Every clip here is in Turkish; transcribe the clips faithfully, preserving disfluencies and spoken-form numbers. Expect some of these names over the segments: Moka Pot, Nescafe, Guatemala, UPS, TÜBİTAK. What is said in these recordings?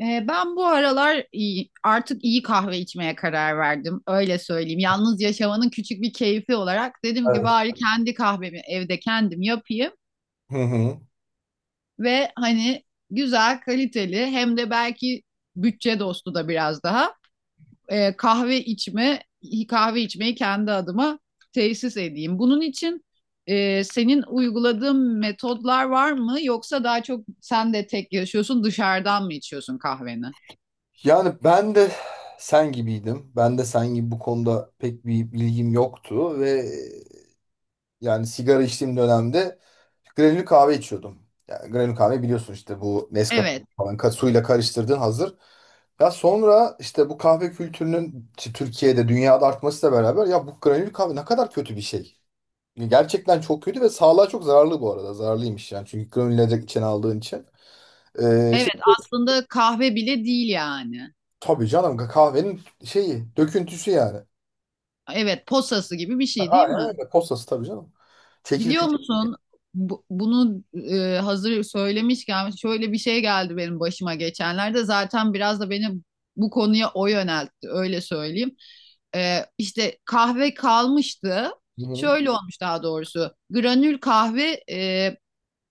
Ee, Ben bu aralar iyi, artık iyi kahve içmeye karar verdim. Öyle söyleyeyim. Yalnız yaşamanın küçük bir keyfi olarak dedim ki Evet. bari kendi kahvemi evde kendim yapayım Hı hı. ve hani güzel, kaliteli hem de belki bütçe dostu da biraz daha e, kahve içme kahve içmeyi kendi adıma tesis edeyim. Bunun için e, senin uyguladığın metodlar var mı? Yoksa daha çok sen de tek yaşıyorsun, dışarıdan mı içiyorsun kahveni? Yani ben de sen gibiydim. Ben de sen gibi bu konuda pek bir bilgim yoktu ve yani sigara içtiğim dönemde granül kahve içiyordum. Yani granül kahve biliyorsun işte bu Nescafe Evet. falan ka- suyla karıştırdığın hazır. Ya sonra işte bu kahve kültürünün işte Türkiye'de dünyada artmasıyla beraber ya bu granül kahve ne kadar kötü bir şey. Gerçekten çok kötü ve sağlığa çok zararlı bu arada. Zararlıymış yani çünkü granül içine aldığın için. Ee, işte Evet aslında kahve bile değil yani. tabii canım kahvenin şeyi, döküntüsü yani. Evet, posası gibi bir şey değil Aynen mi? evet, postası tabii canım. Biliyor Çekirdek. musun bu- bunu e, hazır söylemişken şöyle bir şey geldi benim başıma geçenlerde. Zaten biraz da beni bu konuya o yöneltti, öyle söyleyeyim. E, işte kahve kalmıştı. Hı hı. Şöyle olmuş daha doğrusu. Granül kahve e,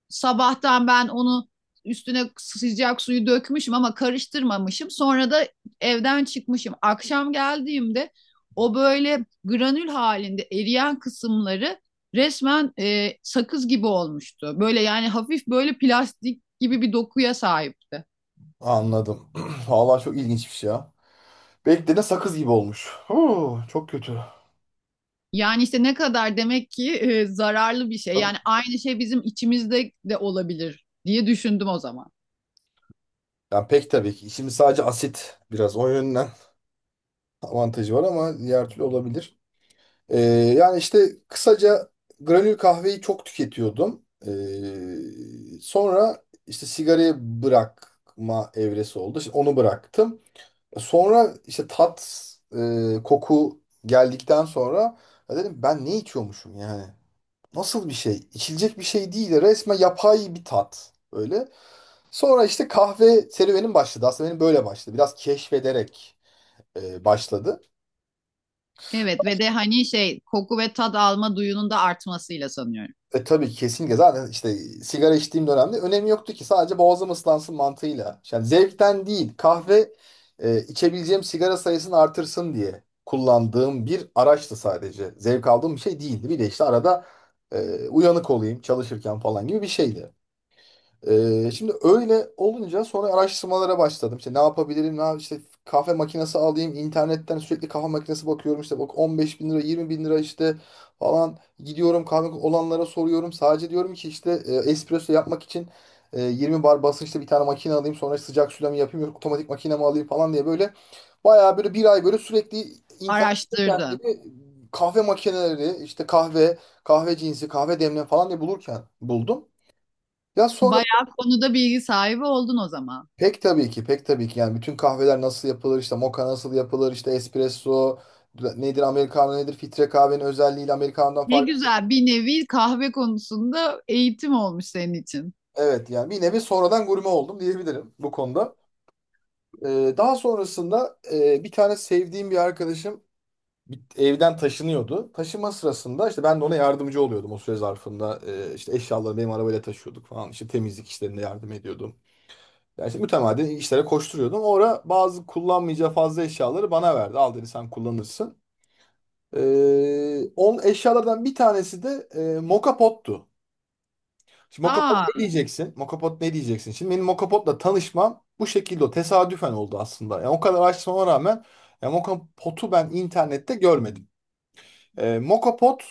sabahtan ben onu üstüne sıcak suyu dökmüşüm ama karıştırmamışım. Sonra da evden çıkmışım. Akşam geldiğimde o böyle granül halinde eriyen kısımları resmen e, sakız gibi olmuştu. Böyle yani hafif böyle plastik gibi bir dokuya sahipti. Anladım. Vallahi çok ilginçmiş ya. Beklediğine sakız gibi olmuş. Huu, çok kötü. Yani işte ne kadar demek ki e, zararlı bir şey. Tabii. Yani aynı şey bizim içimizde de olabilir diye düşündüm o zaman. Yani pek tabii ki. Şimdi sadece asit biraz o yönden avantajı var ama diğer türlü olabilir. Ee, yani işte kısaca granül kahveyi çok tüketiyordum. Ee, sonra işte sigarayı bırakma evresi oldu. Şimdi onu bıraktım. Sonra işte tat, e, koku geldikten sonra ya dedim ben ne içiyormuşum yani? Nasıl bir şey? İçilecek bir şey değil. Resmen yapay bir tat. Öyle. Sonra işte kahve serüvenim başladı. Aslında benim böyle başladı. Biraz keşfederek e, başladı. Evet, ve de hani şey koku ve tad alma duyunun da artmasıyla sanıyorum. E tabii kesinlikle zaten işte sigara içtiğim dönemde önemi yoktu ki sadece boğazım ıslansın mantığıyla. Yani zevkten değil, kahve e, içebileceğim sigara sayısını artırsın diye kullandığım bir araçtı sadece. Zevk aldığım bir şey değildi. Bir de işte arada e, uyanık olayım çalışırken falan gibi bir şeydi. Ee, şimdi öyle olunca sonra araştırmalara başladım. İşte ne yapabilirim, ne yap- işte kahve makinesi alayım, internetten sürekli kahve makinesi bakıyorum. İşte bak on beş bin lira, yirmi bin lira işte falan, gidiyorum kahve olanlara soruyorum. Sadece diyorum ki işte e, espresso yapmak için, e, 20 bar basınçlı bir tane makine alayım. Sonra işte sıcak suyla mı yapayım, yok otomatik makine mi alayım falan diye böyle bayağı böyle bir ay böyle sürekli internette Araştırdın. kendimi kahve makineleri, işte kahve, kahve cinsi, kahve demleme falan diye bulurken buldum. Ya sonra Bayağı konuda bilgi sahibi oldun o zaman. pek tabii ki, pek tabii ki. Yani bütün kahveler nasıl yapılır, işte moka nasıl yapılır, işte espresso nedir, americano nedir, filtre kahvenin özelliğiyle americano'dan Ne fark. güzel, bir nevi kahve konusunda eğitim olmuş senin için. Evet, yani bir nevi sonradan gurme oldum diyebilirim bu konuda. Ee, daha sonrasında e, bir tane sevdiğim bir arkadaşım bir- evden taşınıyordu. Taşıma sırasında işte ben de ona yardımcı oluyordum o süre zarfında. Ee, işte eşyaları benim arabayla taşıyorduk falan. İşte temizlik işlerinde yardım ediyordum. Yani işte mütemadiyen işlere koşturuyordum. O ara bazı kullanmayacağı fazla eşyaları bana verdi. Al dedi, sen kullanırsın. Ee, on eşyalardan bir tanesi de e, Moka Pot'tu. Şimdi Moka Pot Aa, ne diyeceksin? Moka Pot ne diyeceksin? Şimdi benim Moka Pot'la tanışmam bu şekilde oldu. Tesadüfen oldu aslında. Yani o kadar araştırmama rağmen ya Moka Pot'u ben internette görmedim. Ee, Moka Pot,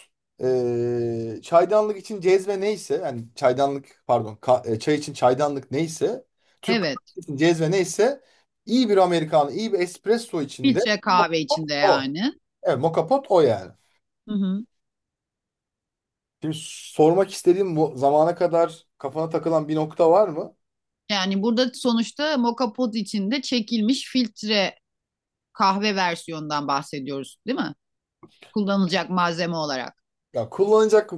e, çaydanlık için cezve neyse, yani çaydanlık pardon ka- e, çay için çaydanlık neyse, Türk evet. kahvesi için cezve neyse, iyi bir Amerikanı iyi bir espresso içinde Filtre kahve içinde o. yani. Evet, Moka Pot o yani. Hı hı. Şimdi sormak istediğim, bu zamana kadar kafana takılan bir nokta var mı? Yani burada sonuçta moka pot içinde çekilmiş filtre kahve versiyonundan bahsediyoruz, değil mi? Kullanılacak malzeme olarak. Ya kullanacak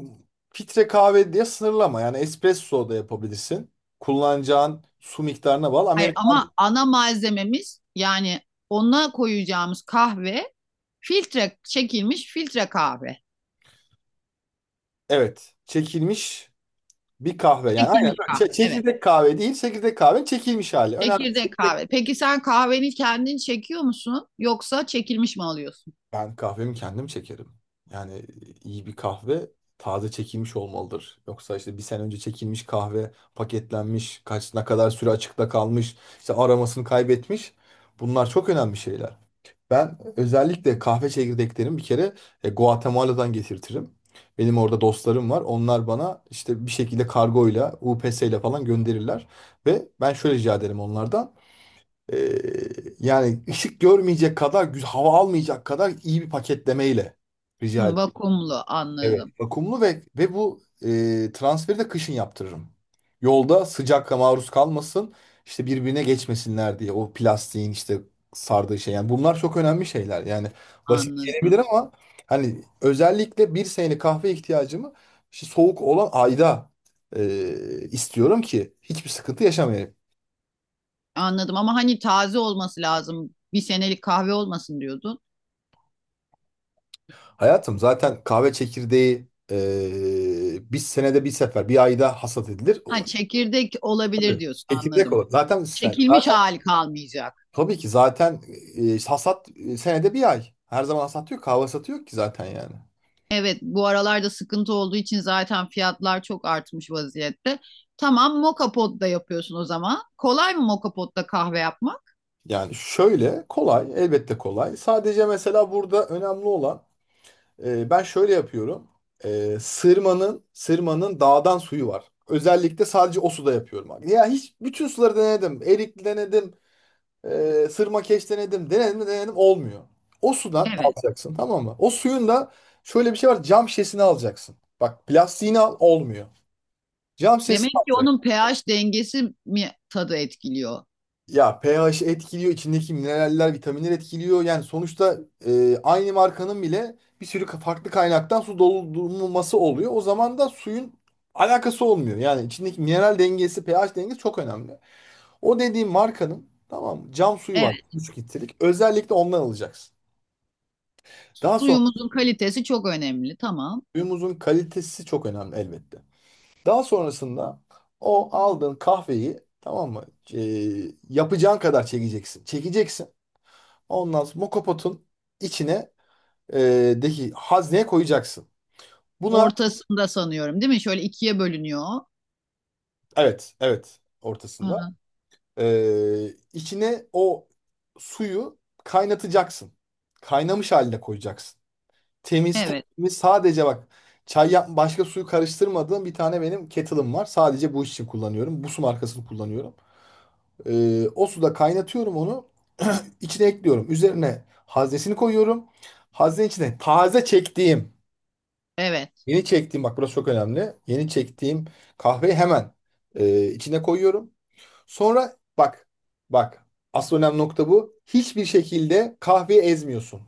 filtre kahve diye sınırlama. Yani espresso da yapabilirsin. Kullanacağın su miktarına bağlı. Hayır Amerikan ama ana malzememiz, yani ona koyacağımız kahve, filtre çekilmiş filtre kahve. evet, çekilmiş bir kahve. Yani aynen Çekilmiş öyle. kahve. Çe- Evet. çekirdek kahve değil, çekirdek kahve çekilmiş hali. Önemli. Çekirdek Çekirdek. kahve. Peki sen kahveni kendin çekiyor musun? Yoksa çekilmiş mi alıyorsun? Ben kahvemi kendim çekerim. Yani e, iyi bir kahve taze çekilmiş olmalıdır. Yoksa işte bir sene önce çekilmiş kahve paketlenmiş, kaç ne kadar süre açıkta kalmış, işte aromasını kaybetmiş. Bunlar çok önemli şeyler. Ben özellikle kahve çekirdeklerimi bir kere e, Guatemala'dan getirtirim. Benim orada dostlarım var. Onlar bana işte bir şekilde kargoyla, U P S ile falan gönderirler. Ve ben şöyle rica ederim onlardan. Ee, yani ışık görmeyecek kadar, güz- hava almayacak kadar iyi bir paketlemeyle rica Hı, ederim. vakumlu, Evet. anladım. Vakumlu ve ve bu e, transferi de kışın yaptırırım. Yolda sıcakla maruz kalmasın, işte birbirine geçmesinler diye o plastiğin işte sardığı şey. Yani bunlar çok önemli şeyler. Yani basit Anladım. gelebilir ama hani özellikle bir senelik kahve ihtiyacımı işte soğuk olan ayda e, istiyorum ki hiçbir sıkıntı yaşamayayım. Anladım ama hani taze olması lazım. Bir senelik kahve olmasın diyordun. Hayatım, zaten kahve çekirdeği e, bir senede bir sefer, bir ayda hasat edilir. O, Ha, çekirdek tabii. olabilir diyorsun, Çekirdek anladım. olur. Zaten sen Çekilmiş zaten- hali kalmayacak. tabii ki zaten e, hasat, e, senede bir ay. Her zaman hasat yok, kahve hasatı yok ki zaten yani. Evet, bu aralarda sıkıntı olduğu için zaten fiyatlar çok artmış vaziyette. Tamam, moka potta yapıyorsun o zaman. Kolay mı moka potta kahve yapmak? Yani şöyle kolay, elbette kolay. Sadece mesela burada önemli olan, e, ben şöyle yapıyorum. E, sırmanın sırmanın dağdan suyu var. Özellikle sadece o suda yapıyorum. Abi. Ya hiç bütün suları denedim. Erikli denedim. E, Sırma, sırmakeş denedim. Denedim de denedim, olmuyor. O sudan Evet. alacaksın, tamam mı? O suyun da şöyle bir şey var. Cam şişesini alacaksın. Bak plastiğini al, olmuyor. Cam şişesini Demek ki alacaksın. onun pH dengesi mi tadı etkiliyor? Ya pH etkiliyor. İçindeki mineraller, vitaminler etkiliyor. Yani sonuçta e, aynı markanın bile bir sürü ka- farklı kaynaktan su doldurulması oluyor. O zaman da suyun alakası olmuyor. Yani içindeki mineral dengesi, pH dengesi çok önemli. O dediğim markanın, tamam mı? Cam suyu var. Evet, 3 litrelik. Özellikle ondan alacaksın. Daha sonra, suyumuzun kalitesi çok önemli. Tamam. suyumuzun kalitesi çok önemli elbette. Daha sonrasında o aldığın kahveyi, tamam mı? E, yapacağın kadar çekeceksin. Çekeceksin. Ondan sonra mokopotun içine, e, deki hazneye koyacaksın. Buna Ortasında sanıyorum, değil mi? Şöyle ikiye bölünüyor. evet evet Hı ortasında, hı. e, içine o suyu kaynatacaksın. Kaynamış haline koyacaksın. Temiz Evet, temiz, sadece bak, çay yap başka suyu karıştırmadığım bir tane benim kettle'ım var. Sadece bu iş için kullanıyorum. Bu su markasını kullanıyorum. Ee, o suda kaynatıyorum onu. içine ekliyorum. Üzerine haznesini koyuyorum. Haznenin içine taze çektiğim, evet. yeni çektiğim, bak burası çok önemli. Yeni çektiğim kahveyi hemen e, içine koyuyorum. Sonra bak, bak, asıl önemli nokta bu. Hiçbir şekilde kahveyi ezmiyorsun.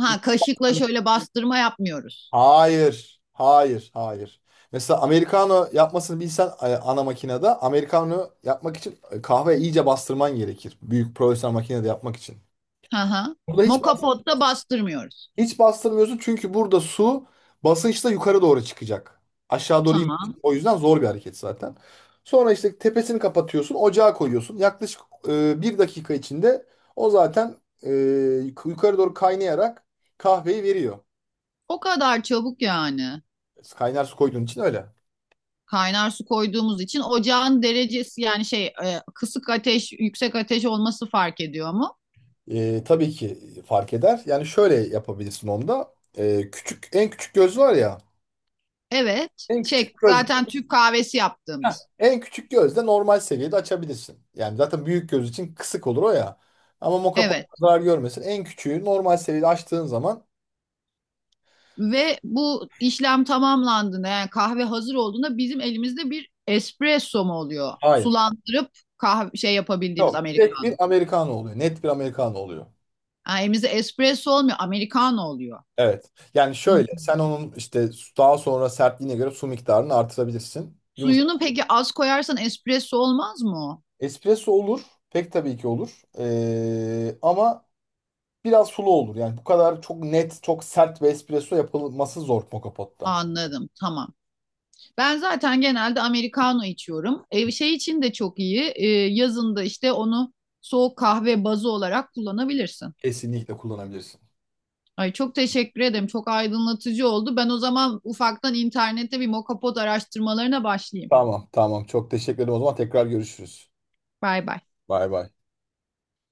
Ha, kaşıkla şöyle bastırma yapmıyoruz. Hayır. Hayır. Hayır. Mesela americano yapmasını bilsen, e, ana makinede americano yapmak için e, kahve iyice bastırman gerekir. Büyük profesyonel makinede yapmak için. Hı hı. Burada hiç Moka potta bastırmıyoruz. hiç bastırmıyorsun, çünkü burada su basınçla yukarı doğru çıkacak. Aşağı doğru in. Tamam. O yüzden zor bir hareket zaten. Sonra işte tepesini kapatıyorsun, ocağa koyuyorsun. Yaklaşık e, bir dakika içinde o zaten e, yukarı doğru kaynayarak kahveyi veriyor. O kadar çabuk yani. Kaynar su koyduğun için öyle. Kaynar su koyduğumuz için ocağın derecesi, yani şey e, kısık ateş, yüksek ateş olması fark ediyor mu? E, tabii ki fark eder. Yani şöyle yapabilirsin onda. E, küçük en küçük göz var ya. Evet. En Şey küçük göz. zaten Türk kahvesi Heh, yaptığımız. en küçük gözde normal seviyede açabilirsin. Yani zaten büyük göz için kısık olur o ya. Ama mokapa Evet. zarar görmesin. En küçüğü normal seviyede açtığın zaman Ve bu işlem tamamlandığında, yani kahve hazır olduğunda bizim elimizde bir espresso mu oluyor? hayır. Sulandırıp kahve şey yapabildiğimiz Yok. Direkt bir americano. americano oluyor. Net bir americano oluyor. Yani elimizde espresso olmuyor, americano oluyor. Evet. Yani Hı. şöyle sen onun işte daha sonra sertliğine göre su miktarını artırabilirsin. Yumuşak. Suyunu peki az koyarsan espresso olmaz mı o? Espresso olur. Pek tabii ki olur. E, ama biraz sulu olur. Yani bu kadar çok net, çok sert bir espresso yapılması zor moka potta. Anladım, tamam. Ben zaten genelde americano içiyorum. Ev şey için de çok iyi. Ee, yazın işte onu soğuk kahve bazı olarak kullanabilirsin. Kesinlikle kullanabilirsin. Ay, çok teşekkür ederim. Çok aydınlatıcı oldu. Ben o zaman ufaktan internette bir mokapod araştırmalarına başlayayım. Tamam, tamam. Çok teşekkür ederim. O zaman tekrar görüşürüz. Bay bay. Bay bay.